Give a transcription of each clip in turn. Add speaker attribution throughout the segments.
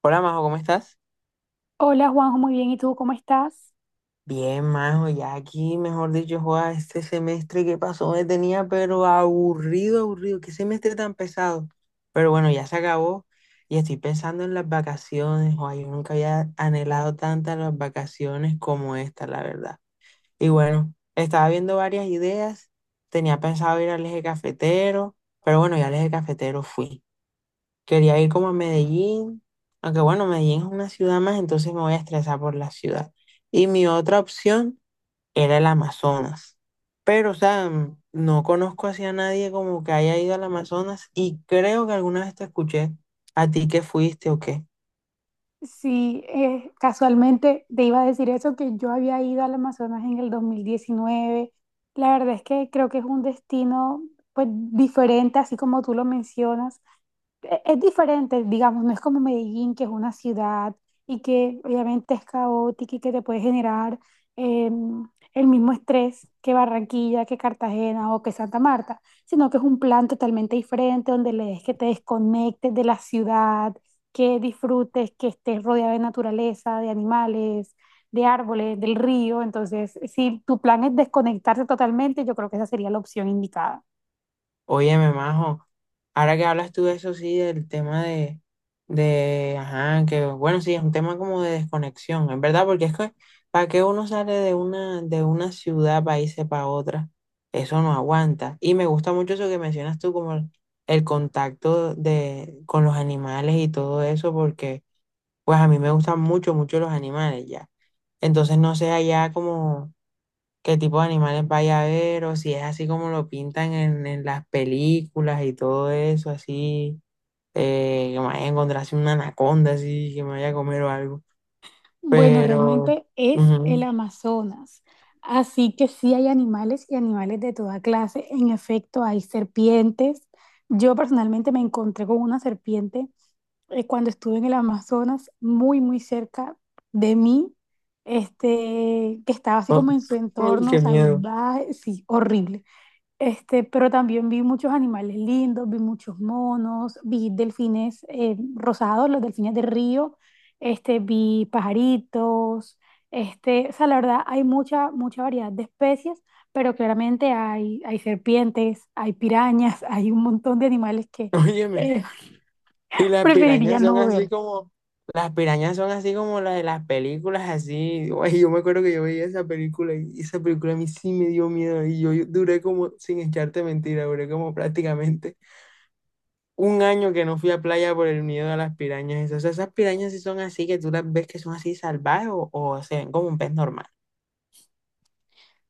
Speaker 1: Hola Majo, ¿cómo estás?
Speaker 2: Hola Juanjo, muy bien. ¿Y tú cómo estás?
Speaker 1: Bien, Majo, ya aquí, mejor dicho, joda, este semestre que pasó me tenía pero aburrido, aburrido, qué semestre tan pesado. Pero bueno, ya se acabó y estoy pensando en las vacaciones, joda, yo nunca había anhelado tantas las vacaciones como esta, la verdad. Y bueno, estaba viendo varias ideas, tenía pensado ir al eje cafetero, pero bueno, ya al eje cafetero fui. Quería ir como a Medellín, aunque bueno, Medellín es una ciudad más, entonces me voy a estresar por la ciudad. Y mi otra opción era el Amazonas. Pero, o sea, no conozco así a nadie como que haya ido al Amazonas y creo que alguna vez te escuché a ti que fuiste o qué.
Speaker 2: Sí, casualmente te iba a decir eso, que yo había ido al Amazonas en el 2019. La verdad es que creo que es un destino pues diferente, así como tú lo mencionas. Es diferente, digamos, no es como Medellín, que es una ciudad y que obviamente es caótica y que te puede generar eh, el mismo estrés que Barranquilla, que Cartagena o que Santa Marta, sino que es un plan totalmente diferente donde le des que te desconectes de la ciudad, que disfrutes, que estés rodeado de naturaleza, de animales, de árboles, del río. Entonces, si tu plan es desconectarse totalmente, yo creo que esa sería la opción indicada.
Speaker 1: Óyeme, majo, ahora que hablas tú de eso, sí, del tema de, ajá, que bueno, sí, es un tema como de desconexión, es verdad, porque es que, ¿para que uno sale de una ciudad para irse para otra? Eso no aguanta. Y me gusta mucho eso que mencionas tú, como el contacto de, con los animales y todo eso, porque, pues, a mí me gustan mucho, mucho los animales ya. Entonces, no sé allá como qué tipo de animales vaya a haber o si es así como lo pintan en las películas y todo eso, así que me vaya a encontrarse una anaconda, así que me vaya a comer o algo.
Speaker 2: Bueno,
Speaker 1: Pero,
Speaker 2: realmente es el
Speaker 1: ujú,
Speaker 2: Amazonas. Así que sí hay animales y animales de toda clase. En efecto, hay serpientes. Yo personalmente me encontré con una serpiente cuando estuve en el Amazonas, muy, muy cerca de mí, que estaba así
Speaker 1: oh,
Speaker 2: como en su
Speaker 1: uy,
Speaker 2: entorno
Speaker 1: qué miedo.
Speaker 2: salvaje, sí, horrible. Pero también vi muchos animales lindos, vi muchos monos, vi delfines rosados, los delfines de río, vi pajaritos, o sea, la verdad hay mucha, mucha variedad de especies, pero claramente hay, hay serpientes, hay pirañas, hay un montón de animales que
Speaker 1: Óyeme,
Speaker 2: eh,
Speaker 1: y las
Speaker 2: preferiría
Speaker 1: pirañas son
Speaker 2: no
Speaker 1: así
Speaker 2: ver.
Speaker 1: como, las pirañas son así como las de las películas, así. Uy, yo me acuerdo que yo veía esa película y esa película a mí sí me dio miedo y yo duré como, sin echarte mentira, duré como prácticamente un año que no fui a playa por el miedo a las pirañas esas. O sea, esas pirañas sí son así, que tú las ves que son así salvajes o se ven como un pez normal.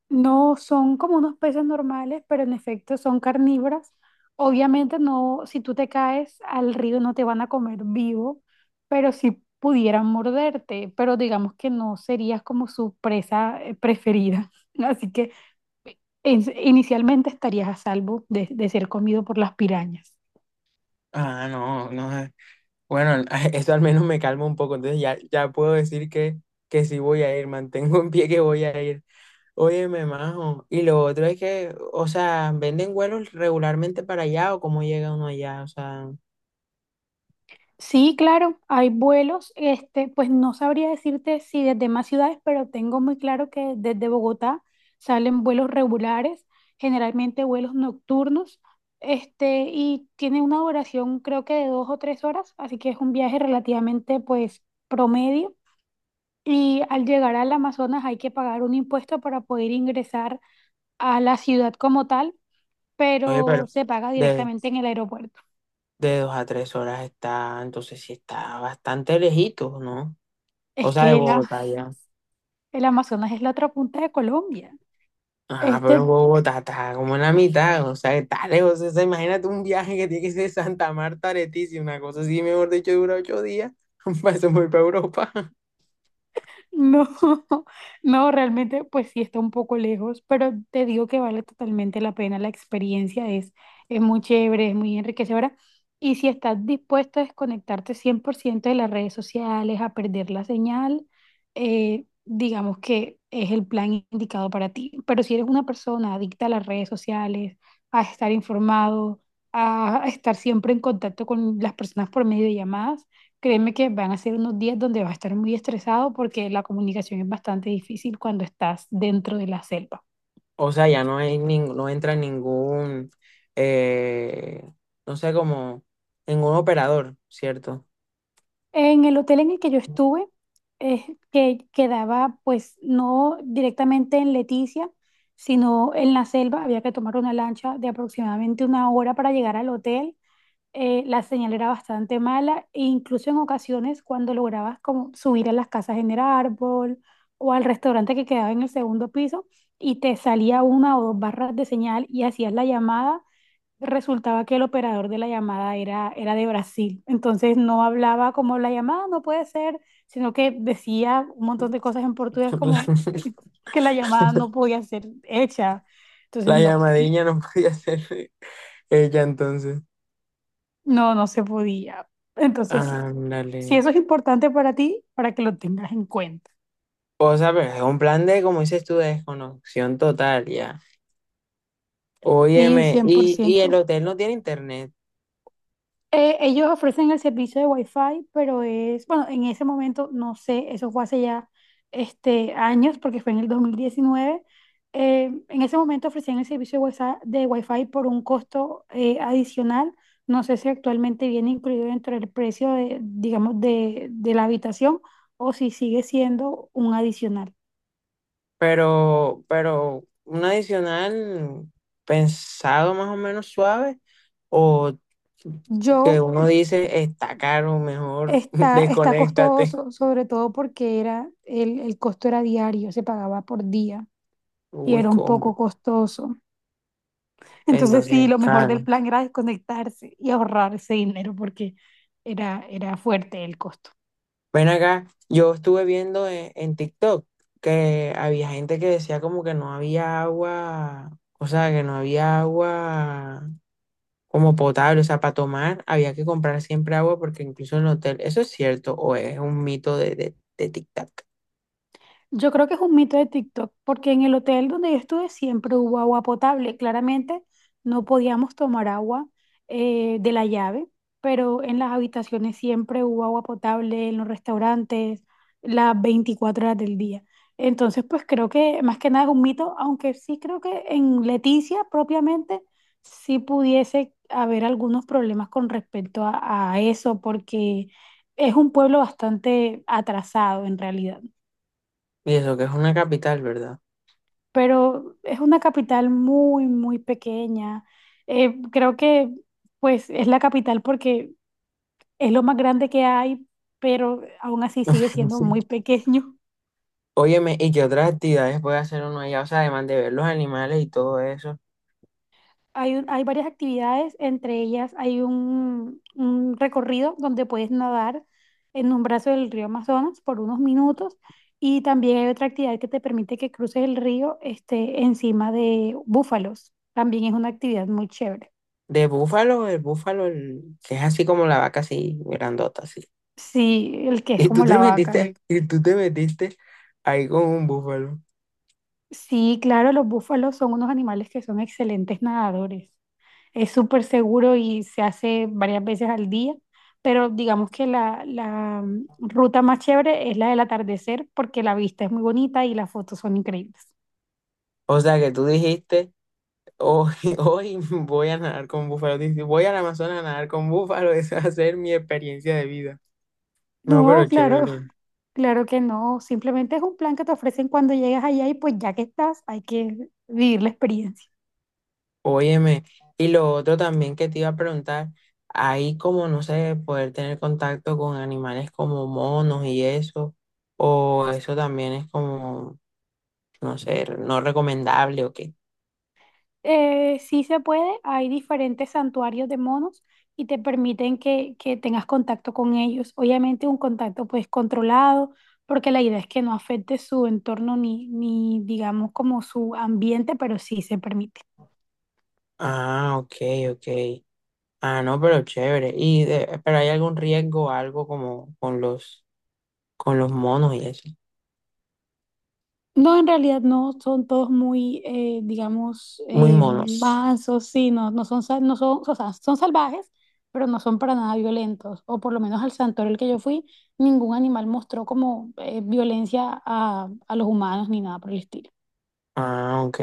Speaker 2: No son como unos peces normales, pero en efecto son carnívoras. Obviamente no, si tú te caes al río no te van a comer vivo, pero sí pudieran morderte, pero digamos que no serías como su presa preferida. Así que eh, inicialmente estarías a salvo de ser comido por las pirañas.
Speaker 1: Ah, no, no sé. Bueno, eso al menos me calma un poco. Entonces ya, ya puedo decir que sí voy a ir, mantengo en pie que voy a ir. Óyeme, majo. Y lo otro es que, o sea, venden vuelos regularmente para allá o cómo llega uno allá. O sea,
Speaker 2: Sí, claro, hay vuelos, pues no sabría decirte si desde más ciudades, pero tengo muy claro que desde Bogotá salen vuelos regulares, generalmente vuelos nocturnos, y tiene una duración creo que de dos o tres horas, así que es un viaje relativamente pues promedio. Y al llegar al Amazonas hay que pagar un impuesto para poder ingresar a la ciudad como tal,
Speaker 1: oye,
Speaker 2: pero
Speaker 1: pero
Speaker 2: se paga
Speaker 1: de,
Speaker 2: directamente en el aeropuerto.
Speaker 1: de 2 a 3 horas está, entonces sí está bastante lejito, ¿no?
Speaker 2: Es
Speaker 1: O sea, de
Speaker 2: que el,
Speaker 1: Bogotá ya.
Speaker 2: el Amazonas es la otra punta de Colombia.
Speaker 1: Ah,
Speaker 2: Este,
Speaker 1: pero Bogotá está como en la mitad, o sea, está lejos. O sea, imagínate un viaje que tiene que ser de Santa Marta a Leticia, una cosa así, mejor dicho, dura 8 días. Para eso voy para Europa.
Speaker 2: no, no, realmente, pues sí está un poco lejos, pero te digo que vale totalmente la pena. La experiencia es muy chévere, es muy enriquecedora. Y si estás dispuesto a desconectarte 100% de las redes sociales, a perder la señal, digamos que es el plan indicado para ti. Pero si eres una persona adicta a las redes sociales, a estar informado, a estar siempre en contacto con las personas por medio de llamadas, créeme que van a ser unos días donde vas a estar muy estresado porque la comunicación es bastante difícil cuando estás dentro de la selva.
Speaker 1: O sea, ya no hay no entra ningún, eh, no sé, como ningún operador, ¿cierto?
Speaker 2: En el hotel en el que yo estuve, es que quedaba pues no directamente en Leticia, sino en la selva. Había que tomar una lancha de aproximadamente una hora para llegar al hotel la señal era bastante mala e incluso en ocasiones cuando lograbas como subir a las casas en el árbol o al restaurante que quedaba en el segundo piso y te salía una o dos barras de señal y hacías la llamada, resultaba que el operador de la llamada era de Brasil. Entonces no hablaba como la llamada no puede ser, sino que decía un montón de cosas en portugués como que la llamada no podía ser hecha. Entonces
Speaker 1: La
Speaker 2: no,
Speaker 1: llamadilla no podía ser ella entonces.
Speaker 2: no, no se podía. Entonces sí.
Speaker 1: Ándale.
Speaker 2: Si eso es importante para ti, para que lo tengas en cuenta.
Speaker 1: O sea, pero es un plan de, como dices tú, de desconexión total, ya.
Speaker 2: Sí,
Speaker 1: Óyeme, y el
Speaker 2: 100%.
Speaker 1: hotel no tiene internet.
Speaker 2: Ellos ofrecen el servicio de Wi-Fi, pero es, bueno, en ese momento, no sé, eso fue hace ya años, porque fue en el 2019. Eh, en ese momento ofrecían el servicio de Wi-Fi, por un costo adicional. No sé si actualmente viene incluido dentro del precio de, digamos, de la habitación o si sigue siendo un adicional.
Speaker 1: Pero un adicional pensado más o menos suave o que
Speaker 2: Yo
Speaker 1: uno dice está caro, mejor
Speaker 2: está, está
Speaker 1: desconéctate.
Speaker 2: costoso, sobre todo porque era el costo era diario, se pagaba por día y
Speaker 1: Uy,
Speaker 2: era un poco
Speaker 1: ¿cómo?
Speaker 2: costoso. Entonces
Speaker 1: Entonces,
Speaker 2: sí, lo mejor del
Speaker 1: claro.
Speaker 2: plan era desconectarse y ahorrar ese dinero porque era, era fuerte el costo.
Speaker 1: Ven acá, yo estuve viendo en TikTok que había gente que decía como que no había agua, o sea, que no había agua como potable, o sea, para tomar había que comprar siempre agua porque incluso en el hotel, ¿eso es cierto o es un mito de, de TikTok?
Speaker 2: Yo creo que es un mito de TikTok, porque en el hotel donde yo estuve siempre hubo agua potable. Claramente no podíamos tomar agua de la llave, pero en las habitaciones siempre hubo agua potable, en los restaurantes, las 24 horas del día. Entonces, pues creo que más que nada es un mito, aunque sí creo que en Leticia propiamente sí pudiese haber algunos problemas con respecto a eso, porque es un pueblo bastante atrasado en realidad.
Speaker 1: Y eso que es una capital, ¿verdad?
Speaker 2: Pero es una capital muy, muy pequeña. Creo que pues es la capital porque es lo más grande que hay, pero aún así sigue siendo muy pequeño.
Speaker 1: Óyeme, ¿y qué otras actividades puede hacer uno allá? O sea, además de ver los animales y todo eso.
Speaker 2: Hay, hay varias actividades, entre ellas hay un recorrido donde puedes nadar en un brazo del río Amazonas por unos minutos y también hay otra actividad que te permite que cruces el río encima de búfalos. También es una actividad muy chévere.
Speaker 1: De búfalo, el- que es así como la vaca así, grandota, así.
Speaker 2: Sí, el que es como la vaca.
Speaker 1: Y tú te metiste ahí con un búfalo.
Speaker 2: Sí, claro, los búfalos son unos animales que son excelentes nadadores. Es súper seguro y se hace varias veces al día, pero digamos que la, la ruta más chévere es la del atardecer porque la vista es muy bonita y las fotos son increíbles.
Speaker 1: O sea, que tú dijiste, hoy, hoy voy a nadar con búfalo. Dices, voy al Amazonas a nadar con búfalo, esa va a ser mi experiencia de vida. No, pero
Speaker 2: No, claro,
Speaker 1: chévere.
Speaker 2: claro que no. Simplemente es un plan que te ofrecen cuando llegas allá y pues ya que estás, hay que vivir la experiencia.
Speaker 1: Óyeme, y lo otro también que te iba a preguntar, ahí como, no sé, poder tener contacto con animales como monos y eso, o eso también es como, no sé, no recomendable o qué.
Speaker 2: Sí se puede, hay diferentes santuarios de monos y te permiten que tengas contacto con ellos. Obviamente un contacto pues controlado, porque la idea es que no afecte su entorno ni, ni digamos como su ambiente, pero sí se permite.
Speaker 1: Ah, ok, ok. Ah, no, pero chévere. Y de- pero hay algún riesgo, algo como con los monos y eso.
Speaker 2: No, en realidad no son todos muy, digamos,
Speaker 1: Muy monos.
Speaker 2: mansos, sí, no, no son, no son, o sea, son salvajes, pero no son para nada violentos. O por lo menos al santuario al que yo fui, ningún animal mostró como violencia a los humanos ni nada por el estilo.
Speaker 1: Ah, ok.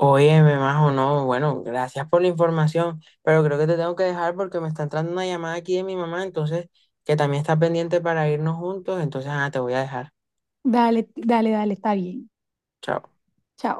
Speaker 1: Óyeme, Majo, no, bueno, gracias por la información, pero creo que te tengo que dejar porque me está entrando una llamada aquí de mi mamá, entonces, que también está pendiente para irnos juntos, entonces, ah, te voy a dejar.
Speaker 2: Dale, dale, dale, está bien.
Speaker 1: Chao.
Speaker 2: Chao.